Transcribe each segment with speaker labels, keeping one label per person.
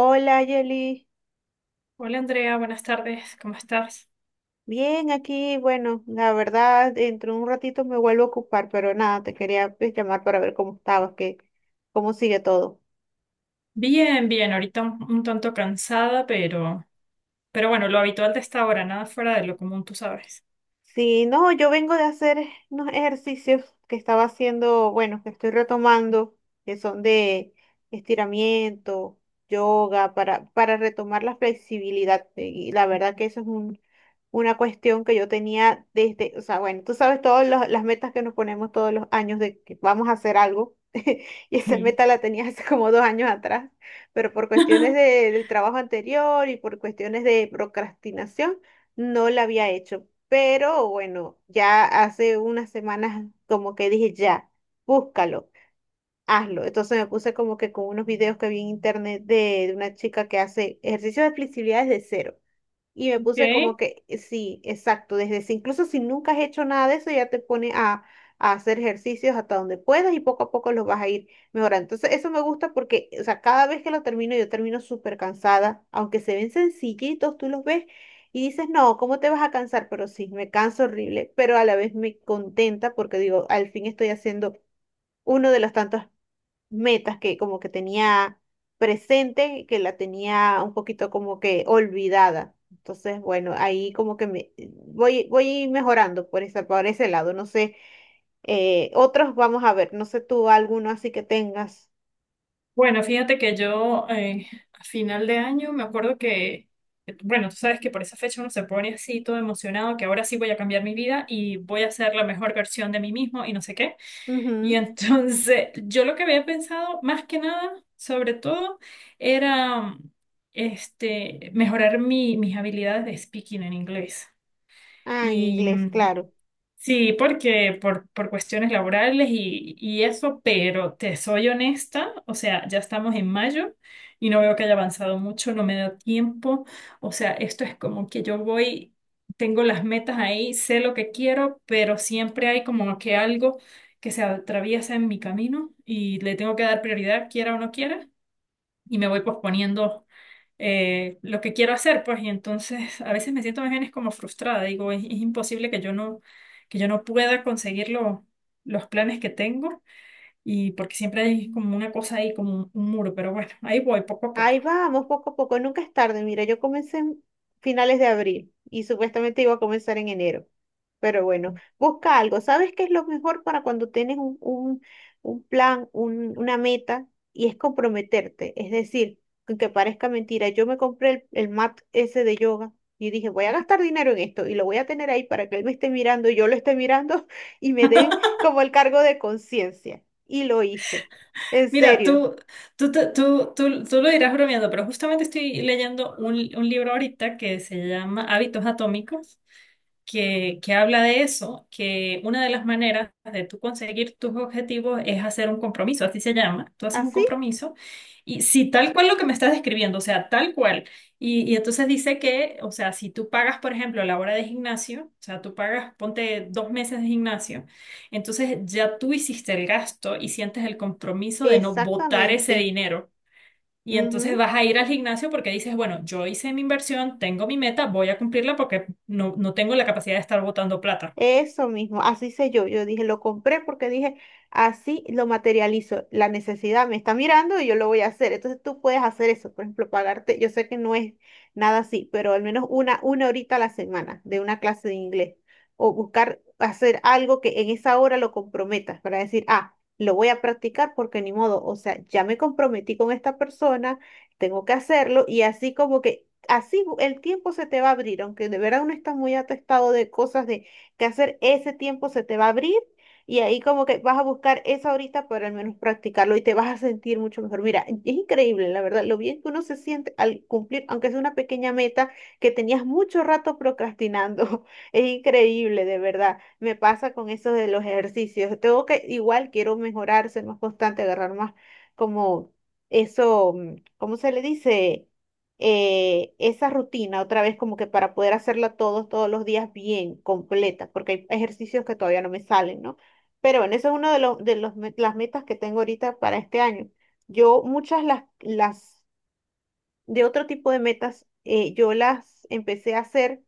Speaker 1: Hola, Yeli.
Speaker 2: Hola Andrea, buenas tardes, ¿cómo estás?
Speaker 1: Bien, aquí, bueno, la verdad, dentro de un ratito me vuelvo a ocupar, pero nada, te quería pues, llamar para ver cómo estabas, cómo sigue todo.
Speaker 2: Bien, bien, ahorita un tanto cansada, pero bueno, lo habitual de esta hora, nada fuera de lo común, tú sabes.
Speaker 1: Sí, no, yo vengo de hacer unos ejercicios que estaba haciendo, bueno, que estoy retomando, que son de estiramiento, yoga, para retomar la flexibilidad. Y la verdad que eso es una cuestión que yo tenía desde, o sea, bueno, tú sabes todas las metas que nos ponemos todos los años de que vamos a hacer algo. Y esa
Speaker 2: Sí.
Speaker 1: meta la tenía hace como dos años atrás, pero por cuestiones del trabajo anterior y por cuestiones de procrastinación, no la había hecho. Pero bueno, ya hace unas semanas como que dije, ya, búscalo, hazlo. Entonces me puse como que con unos videos que vi en internet de una chica que hace ejercicios de flexibilidad desde cero. Y me puse
Speaker 2: Ok.
Speaker 1: como que, sí, exacto, desde si, incluso si nunca has hecho nada de eso, ya te pone a hacer ejercicios hasta donde puedas y poco a poco los vas a ir mejorando. Entonces, eso me gusta porque, o sea, cada vez que lo termino, yo termino súper cansada, aunque se ven sencillitos, tú los ves y dices, no, ¿cómo te vas a cansar? Pero sí, me canso horrible, pero a la vez me contenta porque digo, al fin estoy haciendo uno de los tantos metas que como que tenía presente, que la tenía un poquito como que olvidada. Entonces, bueno, ahí como que me voy mejorando por ese lado. No sé, otros vamos a ver, no sé tú alguno así que tengas.
Speaker 2: Bueno, fíjate que yo a final de año me acuerdo que bueno, tú sabes que por esa fecha uno se pone así todo emocionado, que ahora sí voy a cambiar mi vida y voy a ser la mejor versión de mí mismo y no sé qué. Y
Speaker 1: Ujú.
Speaker 2: entonces, yo lo que había pensado más que nada, sobre todo, era este, mejorar mis habilidades de speaking en inglés.
Speaker 1: Ah, en
Speaker 2: Y,
Speaker 1: inglés, claro.
Speaker 2: sí, porque por cuestiones laborales y eso, pero te soy honesta, o sea, ya estamos en mayo y no veo que haya avanzado mucho, no me da tiempo, o sea, esto es como que yo voy, tengo las metas ahí, sé lo que quiero, pero siempre hay como que algo que se atraviesa en mi camino y le tengo que dar prioridad, quiera o no quiera y me voy posponiendo lo que quiero hacer, pues, y entonces a veces me siento más bien es como frustrada, digo, es imposible que yo no pueda conseguir los planes que tengo, y porque siempre hay como una cosa ahí, como un muro, pero bueno, ahí voy poco a poco.
Speaker 1: Ahí vamos, poco a poco, nunca es tarde. Mira, yo comencé en finales de abril y supuestamente iba a comenzar en enero. Pero bueno, busca algo. ¿Sabes qué es lo mejor para cuando tienes un plan, una meta? Y es comprometerte. Es decir, aunque parezca mentira, yo me compré el mat ese de yoga y dije, voy a gastar dinero en esto y lo voy a tener ahí para que él me esté mirando, yo lo esté mirando y me dé como el cargo de conciencia. Y lo hice. En
Speaker 2: Mira,
Speaker 1: serio.
Speaker 2: tú, te- tú lo dirás bromeando, pero justamente estoy leyendo un libro ahorita que se llama Hábitos Atómicos, que habla de eso, que una de las maneras de tú conseguir tus objetivos es hacer un compromiso, así se llama. Tú haces un
Speaker 1: Así
Speaker 2: compromiso y si tal cual lo que me estás describiendo, o sea, tal cual. Y entonces dice que, o sea, si tú pagas, por ejemplo, la hora de gimnasio, o sea, tú pagas, ponte dos meses de gimnasio, entonces ya tú hiciste el gasto y sientes el compromiso de no botar ese
Speaker 1: Exactamente.
Speaker 2: dinero. Y entonces
Speaker 1: Ujú.
Speaker 2: vas a ir al gimnasio porque dices, bueno, yo hice mi inversión, tengo mi meta, voy a cumplirla porque no, no tengo la capacidad de estar botando plata.
Speaker 1: Eso mismo, así sé yo. Yo dije, lo compré porque dije, así lo materializo. La necesidad me está mirando y yo lo voy a hacer. Entonces tú puedes hacer eso, por ejemplo, pagarte. Yo sé que no es nada así, pero al menos una horita a la semana de una clase de inglés. O buscar hacer algo que en esa hora lo comprometas para decir, ah, lo voy a practicar porque ni modo. O sea, ya me comprometí con esta persona, tengo que hacerlo y así como que. Así el tiempo se te va a abrir, aunque de verdad uno está muy atestado de cosas de que hacer, ese tiempo se te va a abrir y ahí como que vas a buscar esa horita para al menos practicarlo y te vas a sentir mucho mejor. Mira, es increíble, la verdad, lo bien que uno se siente al cumplir, aunque sea una pequeña meta que tenías mucho rato procrastinando. Es increíble, de verdad. Me pasa con eso de los ejercicios. Tengo que, igual quiero mejorar, ser más constante, agarrar más como eso. ¿Cómo se le dice? Esa rutina otra vez como que para poder hacerla todos los días bien, completa, porque hay ejercicios que todavía no me salen, ¿no? Pero bueno, eso es uno de los, las metas que tengo ahorita para este año. Yo muchas las de otro tipo de metas, yo las empecé a hacer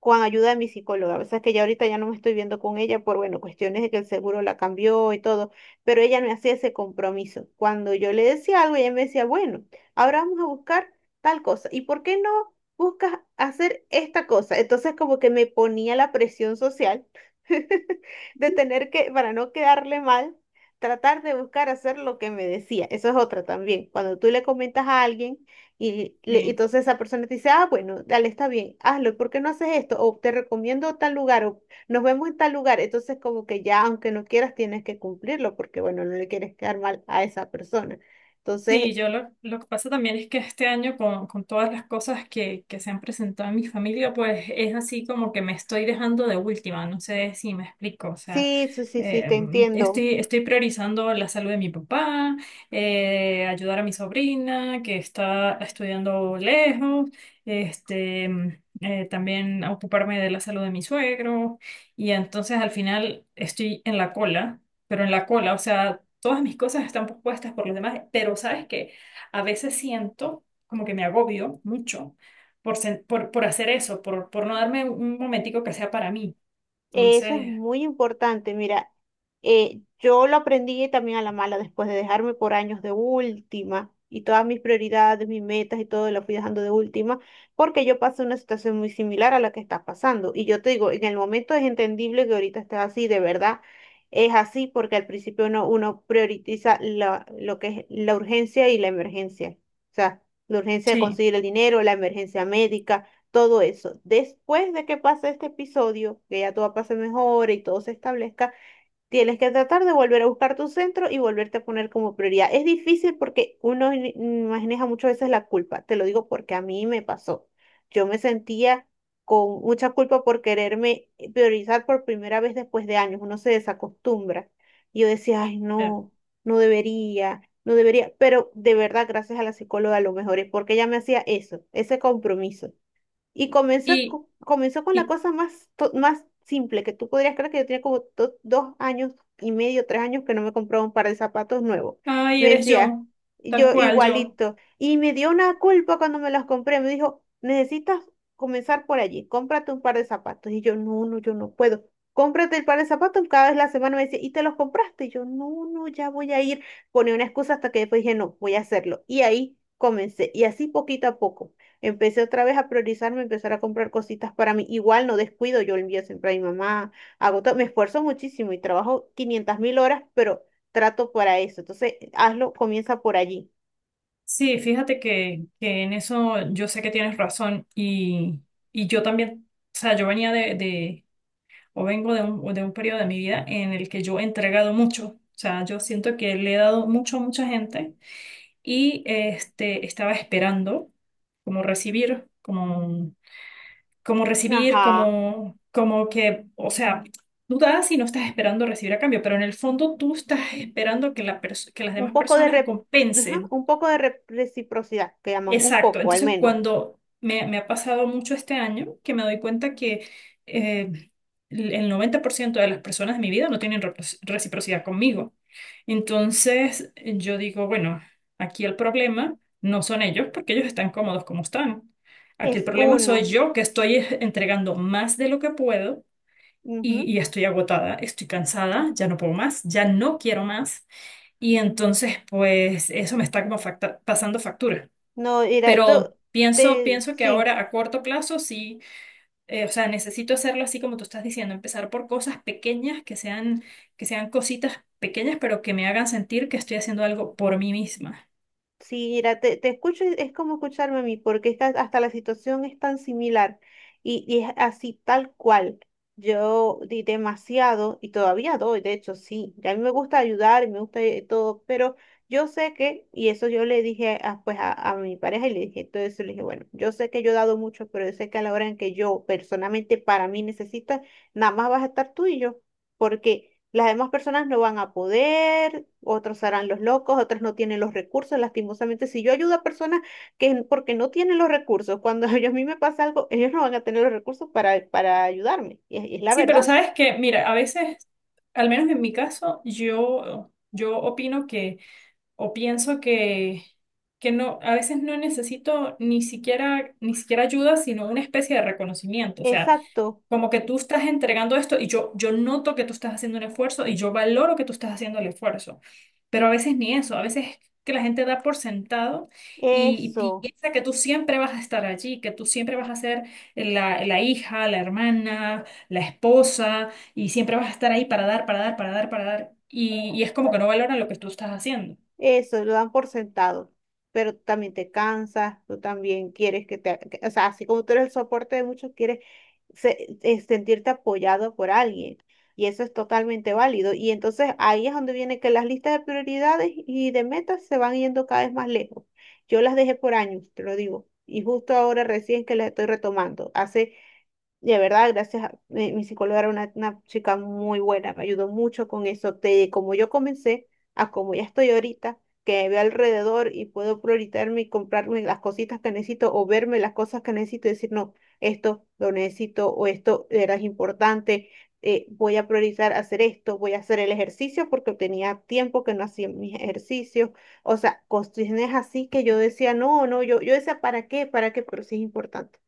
Speaker 1: con ayuda de mi psicóloga. A veces que ya ahorita ya no me estoy viendo con ella por, bueno, cuestiones de que el seguro la cambió y todo, pero ella me hacía ese compromiso. Cuando yo le decía algo, ella me decía, bueno, ahora vamos a buscar tal cosa. ¿Y por qué no buscas hacer esta cosa? Entonces como que me ponía la presión social de tener que, para no quedarle mal, tratar de buscar hacer lo que me decía. Eso es otra también. Cuando tú le comentas a alguien y, y
Speaker 2: Sí.
Speaker 1: entonces esa persona te dice, ah, bueno, dale, está bien, hazlo, ¿por qué no haces esto? O te recomiendo tal lugar, o nos vemos en tal lugar. Entonces como que ya, aunque no quieras, tienes que cumplirlo, porque bueno, no le quieres quedar mal a esa persona. Entonces,
Speaker 2: Sí, yo lo que pasa también es que este año con todas las cosas que se han presentado en mi familia, pues es así como que me estoy dejando de última, no sé si me explico, o sea,
Speaker 1: sí, sí, sí, sí,
Speaker 2: eh,
Speaker 1: te entiendo.
Speaker 2: estoy priorizando la salud de mi papá, ayudar a mi sobrina que está estudiando lejos, este, también ocuparme de la salud de mi suegro y entonces al final estoy en la cola, pero en la cola, o sea todas mis cosas están puestas por los demás, pero sabes que a veces siento como que me agobio mucho por, por hacer eso, por no darme un momentico que sea para mí.
Speaker 1: Eso es
Speaker 2: Entonces,
Speaker 1: muy importante. Mira, yo lo aprendí también a la mala después de dejarme por años de última y todas mis prioridades, mis metas y todo lo fui dejando de última porque yo pasé una situación muy similar a la que estás pasando. Y yo te digo, en el momento es entendible que ahorita estés así, de verdad es así porque al principio uno prioriza lo que es la urgencia y la emergencia. O sea, la urgencia de
Speaker 2: sí.
Speaker 1: conseguir el dinero, la emergencia médica todo eso. Después de que pase este episodio, que ya todo pase mejor y todo se establezca, tienes que tratar de volver a buscar tu centro y volverte a poner como prioridad. Es difícil porque uno maneja muchas veces la culpa. Te lo digo porque a mí me pasó. Yo me sentía con mucha culpa por quererme priorizar por primera vez después de años. Uno se desacostumbra. Y yo decía, ay,
Speaker 2: Ya.
Speaker 1: no, no debería. No debería, pero de verdad, gracias a la psicóloga, lo mejor es porque ella me hacía eso, ese compromiso. Y
Speaker 2: y,
Speaker 1: comenzó con la
Speaker 2: y,
Speaker 1: cosa más, más simple, que tú podrías creer que yo tenía como dos años y medio, tres años que no me compraba un par de zapatos nuevos.
Speaker 2: Ay,
Speaker 1: Me
Speaker 2: eres
Speaker 1: decía,
Speaker 2: yo, tal
Speaker 1: yo
Speaker 2: cual yo.
Speaker 1: igualito. Y me dio una culpa cuando me los compré. Me dijo, necesitas comenzar por allí, cómprate un par de zapatos. Y yo, no, no, yo no puedo. Cómprate el par de zapatos cada vez la semana me decía, ¿y te los compraste? Y yo, no, no, ya voy a ir. Ponía una excusa hasta que después dije, no, voy a hacerlo. Y ahí comencé. Y así poquito a poco. Empecé otra vez a priorizarme, empezar a comprar cositas para mí. Igual no descuido, yo le envío siempre a mi mamá, hago todo, me esfuerzo muchísimo y trabajo 500 mil horas, pero trato para eso. Entonces, hazlo, comienza por allí.
Speaker 2: Sí, fíjate que en eso yo sé que tienes razón y yo también, o sea, yo venía de o vengo de un periodo de mi vida en el que yo he entregado mucho, o sea, yo siento que le he dado mucho a mucha gente y este, estaba esperando como recibir, como recibir,
Speaker 1: Ajá,
Speaker 2: como, como que, o sea, tú das y no estás esperando recibir a cambio, pero en el fondo tú estás esperando que, que las
Speaker 1: un
Speaker 2: demás
Speaker 1: poco de,
Speaker 2: personas
Speaker 1: ajá,
Speaker 2: compensen.
Speaker 1: un poco de reciprocidad, que llaman, un
Speaker 2: Exacto.
Speaker 1: poco al
Speaker 2: Entonces,
Speaker 1: menos.
Speaker 2: me ha pasado mucho este año, que me doy cuenta que eh, el 90% de las personas de mi vida no tienen reciprocidad conmigo. Entonces, yo digo, bueno, aquí el problema no son ellos, porque ellos están cómodos como están. Aquí el
Speaker 1: Es
Speaker 2: problema soy
Speaker 1: uno.
Speaker 2: yo, que estoy entregando más de lo que puedo
Speaker 1: Ujú.
Speaker 2: y estoy agotada, estoy cansada, ya no puedo más, ya no quiero más. Y entonces, pues, eso me está como pasando factura.
Speaker 1: No, era, tú,
Speaker 2: Pero pienso,
Speaker 1: te,
Speaker 2: pienso que
Speaker 1: sí.
Speaker 2: ahora a corto plazo sí, o sea, necesito hacerlo así como tú estás diciendo, empezar por cosas pequeñas que sean cositas pequeñas, pero que me hagan sentir que estoy haciendo algo por mí misma.
Speaker 1: Sí, mira, te escucho, y es como escucharme a mí, porque es que hasta la situación es tan similar y es así tal cual. Yo di demasiado y todavía doy, de hecho, sí. Y a mí me gusta ayudar y me gusta todo, pero yo sé que, y eso yo le dije a, pues a, mi pareja y le dije todo eso, le dije, bueno, yo sé que yo he dado mucho, pero yo sé que a la hora en que yo personalmente para mí necesito, nada más vas a estar tú y yo, porque. Las demás personas no van a poder, otros harán los locos, otras no tienen los recursos. Lastimosamente, si yo ayudo a personas que porque no tienen los recursos, cuando a mí me pasa algo, ellos no van a tener los recursos para ayudarme. Y es la
Speaker 2: Sí, pero
Speaker 1: verdad.
Speaker 2: sabes que, mira, a veces, al menos en mi caso, yo opino que o pienso que no, a veces no necesito ni siquiera, ni siquiera ayuda, sino una especie de reconocimiento. O sea,
Speaker 1: Exacto,
Speaker 2: como que tú estás entregando esto y yo noto que tú estás haciendo un esfuerzo y yo valoro que tú estás haciendo el esfuerzo. Pero a veces ni eso, a veces que la gente da por sentado y
Speaker 1: eso.
Speaker 2: piensa que tú siempre vas a estar allí, que tú siempre vas a ser la hija, la hermana, la esposa y siempre vas a estar ahí para dar, para dar, para dar, para dar. Y es como que no valoran lo que tú estás haciendo.
Speaker 1: Eso, lo dan por sentado, pero tú también te cansas, tú también quieres que o sea, así como tú eres el soporte de muchos, quieres sentirte apoyado por alguien y eso es totalmente válido. Y entonces ahí es donde viene que las listas de prioridades y de metas se van yendo cada vez más lejos. Yo las dejé por años, te lo digo, y justo ahora recién que las estoy retomando. Hace de verdad, gracias a mi psicóloga era una chica muy buena, me ayudó mucho con eso, de como yo comencé a como ya estoy ahorita, que veo alrededor y puedo prioritarme y comprarme las cositas que necesito o verme las cosas que necesito y decir, no, esto lo necesito o esto era importante, voy a priorizar hacer esto, voy a hacer el ejercicio porque tenía tiempo que no hacía mis ejercicios, o sea, cuestiones así que yo decía, no, no, yo decía, ¿para qué? ¿Para qué? Pero sí es importante.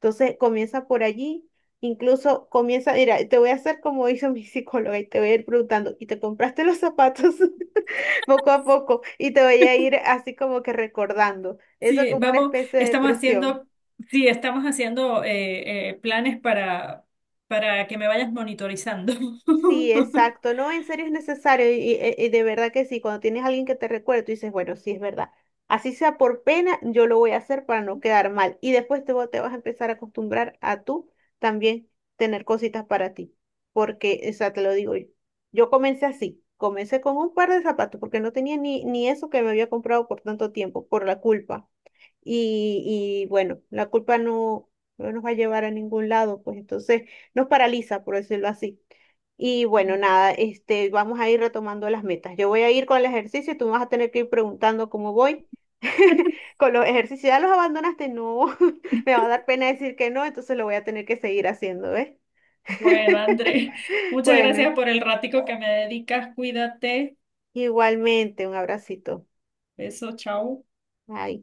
Speaker 1: Entonces comienza por allí, incluso comienza, mira, te voy a hacer como hizo mi psicóloga y te voy a ir preguntando, ¿y te compraste los zapatos poco a poco? Y te voy a ir así como que recordando, eso
Speaker 2: Sí,
Speaker 1: como una
Speaker 2: vamos,
Speaker 1: especie de
Speaker 2: estamos
Speaker 1: presión.
Speaker 2: haciendo, sí, estamos haciendo planes para que me vayas monitorizando.
Speaker 1: Sí, exacto. No, en serio es necesario y de verdad que sí, cuando tienes a alguien que te recuerde, tú dices, bueno, sí es verdad. Así sea por pena, yo lo voy a hacer para no quedar mal. Y después te vas a empezar a acostumbrar a tú también tener cositas para ti. Porque, o sea, te lo digo yo. Yo comencé así, comencé con un par de zapatos porque no tenía ni eso que me había comprado por tanto tiempo, por la culpa y bueno, la culpa no nos va a llevar a ningún lado, pues entonces nos paraliza, por decirlo así. Y bueno, nada, vamos a ir retomando las metas. Yo voy a ir con el ejercicio, tú me vas a tener que ir preguntando cómo voy. Con los ejercicios, ¿ya los abandonaste? No, me va a dar pena decir que no, entonces lo voy a tener que seguir haciendo, ¿ves?
Speaker 2: Bueno, André, muchas
Speaker 1: Bueno,
Speaker 2: gracias por el ratico que me dedicas. Cuídate.
Speaker 1: igualmente, un abracito.
Speaker 2: Beso, chao.
Speaker 1: Bye.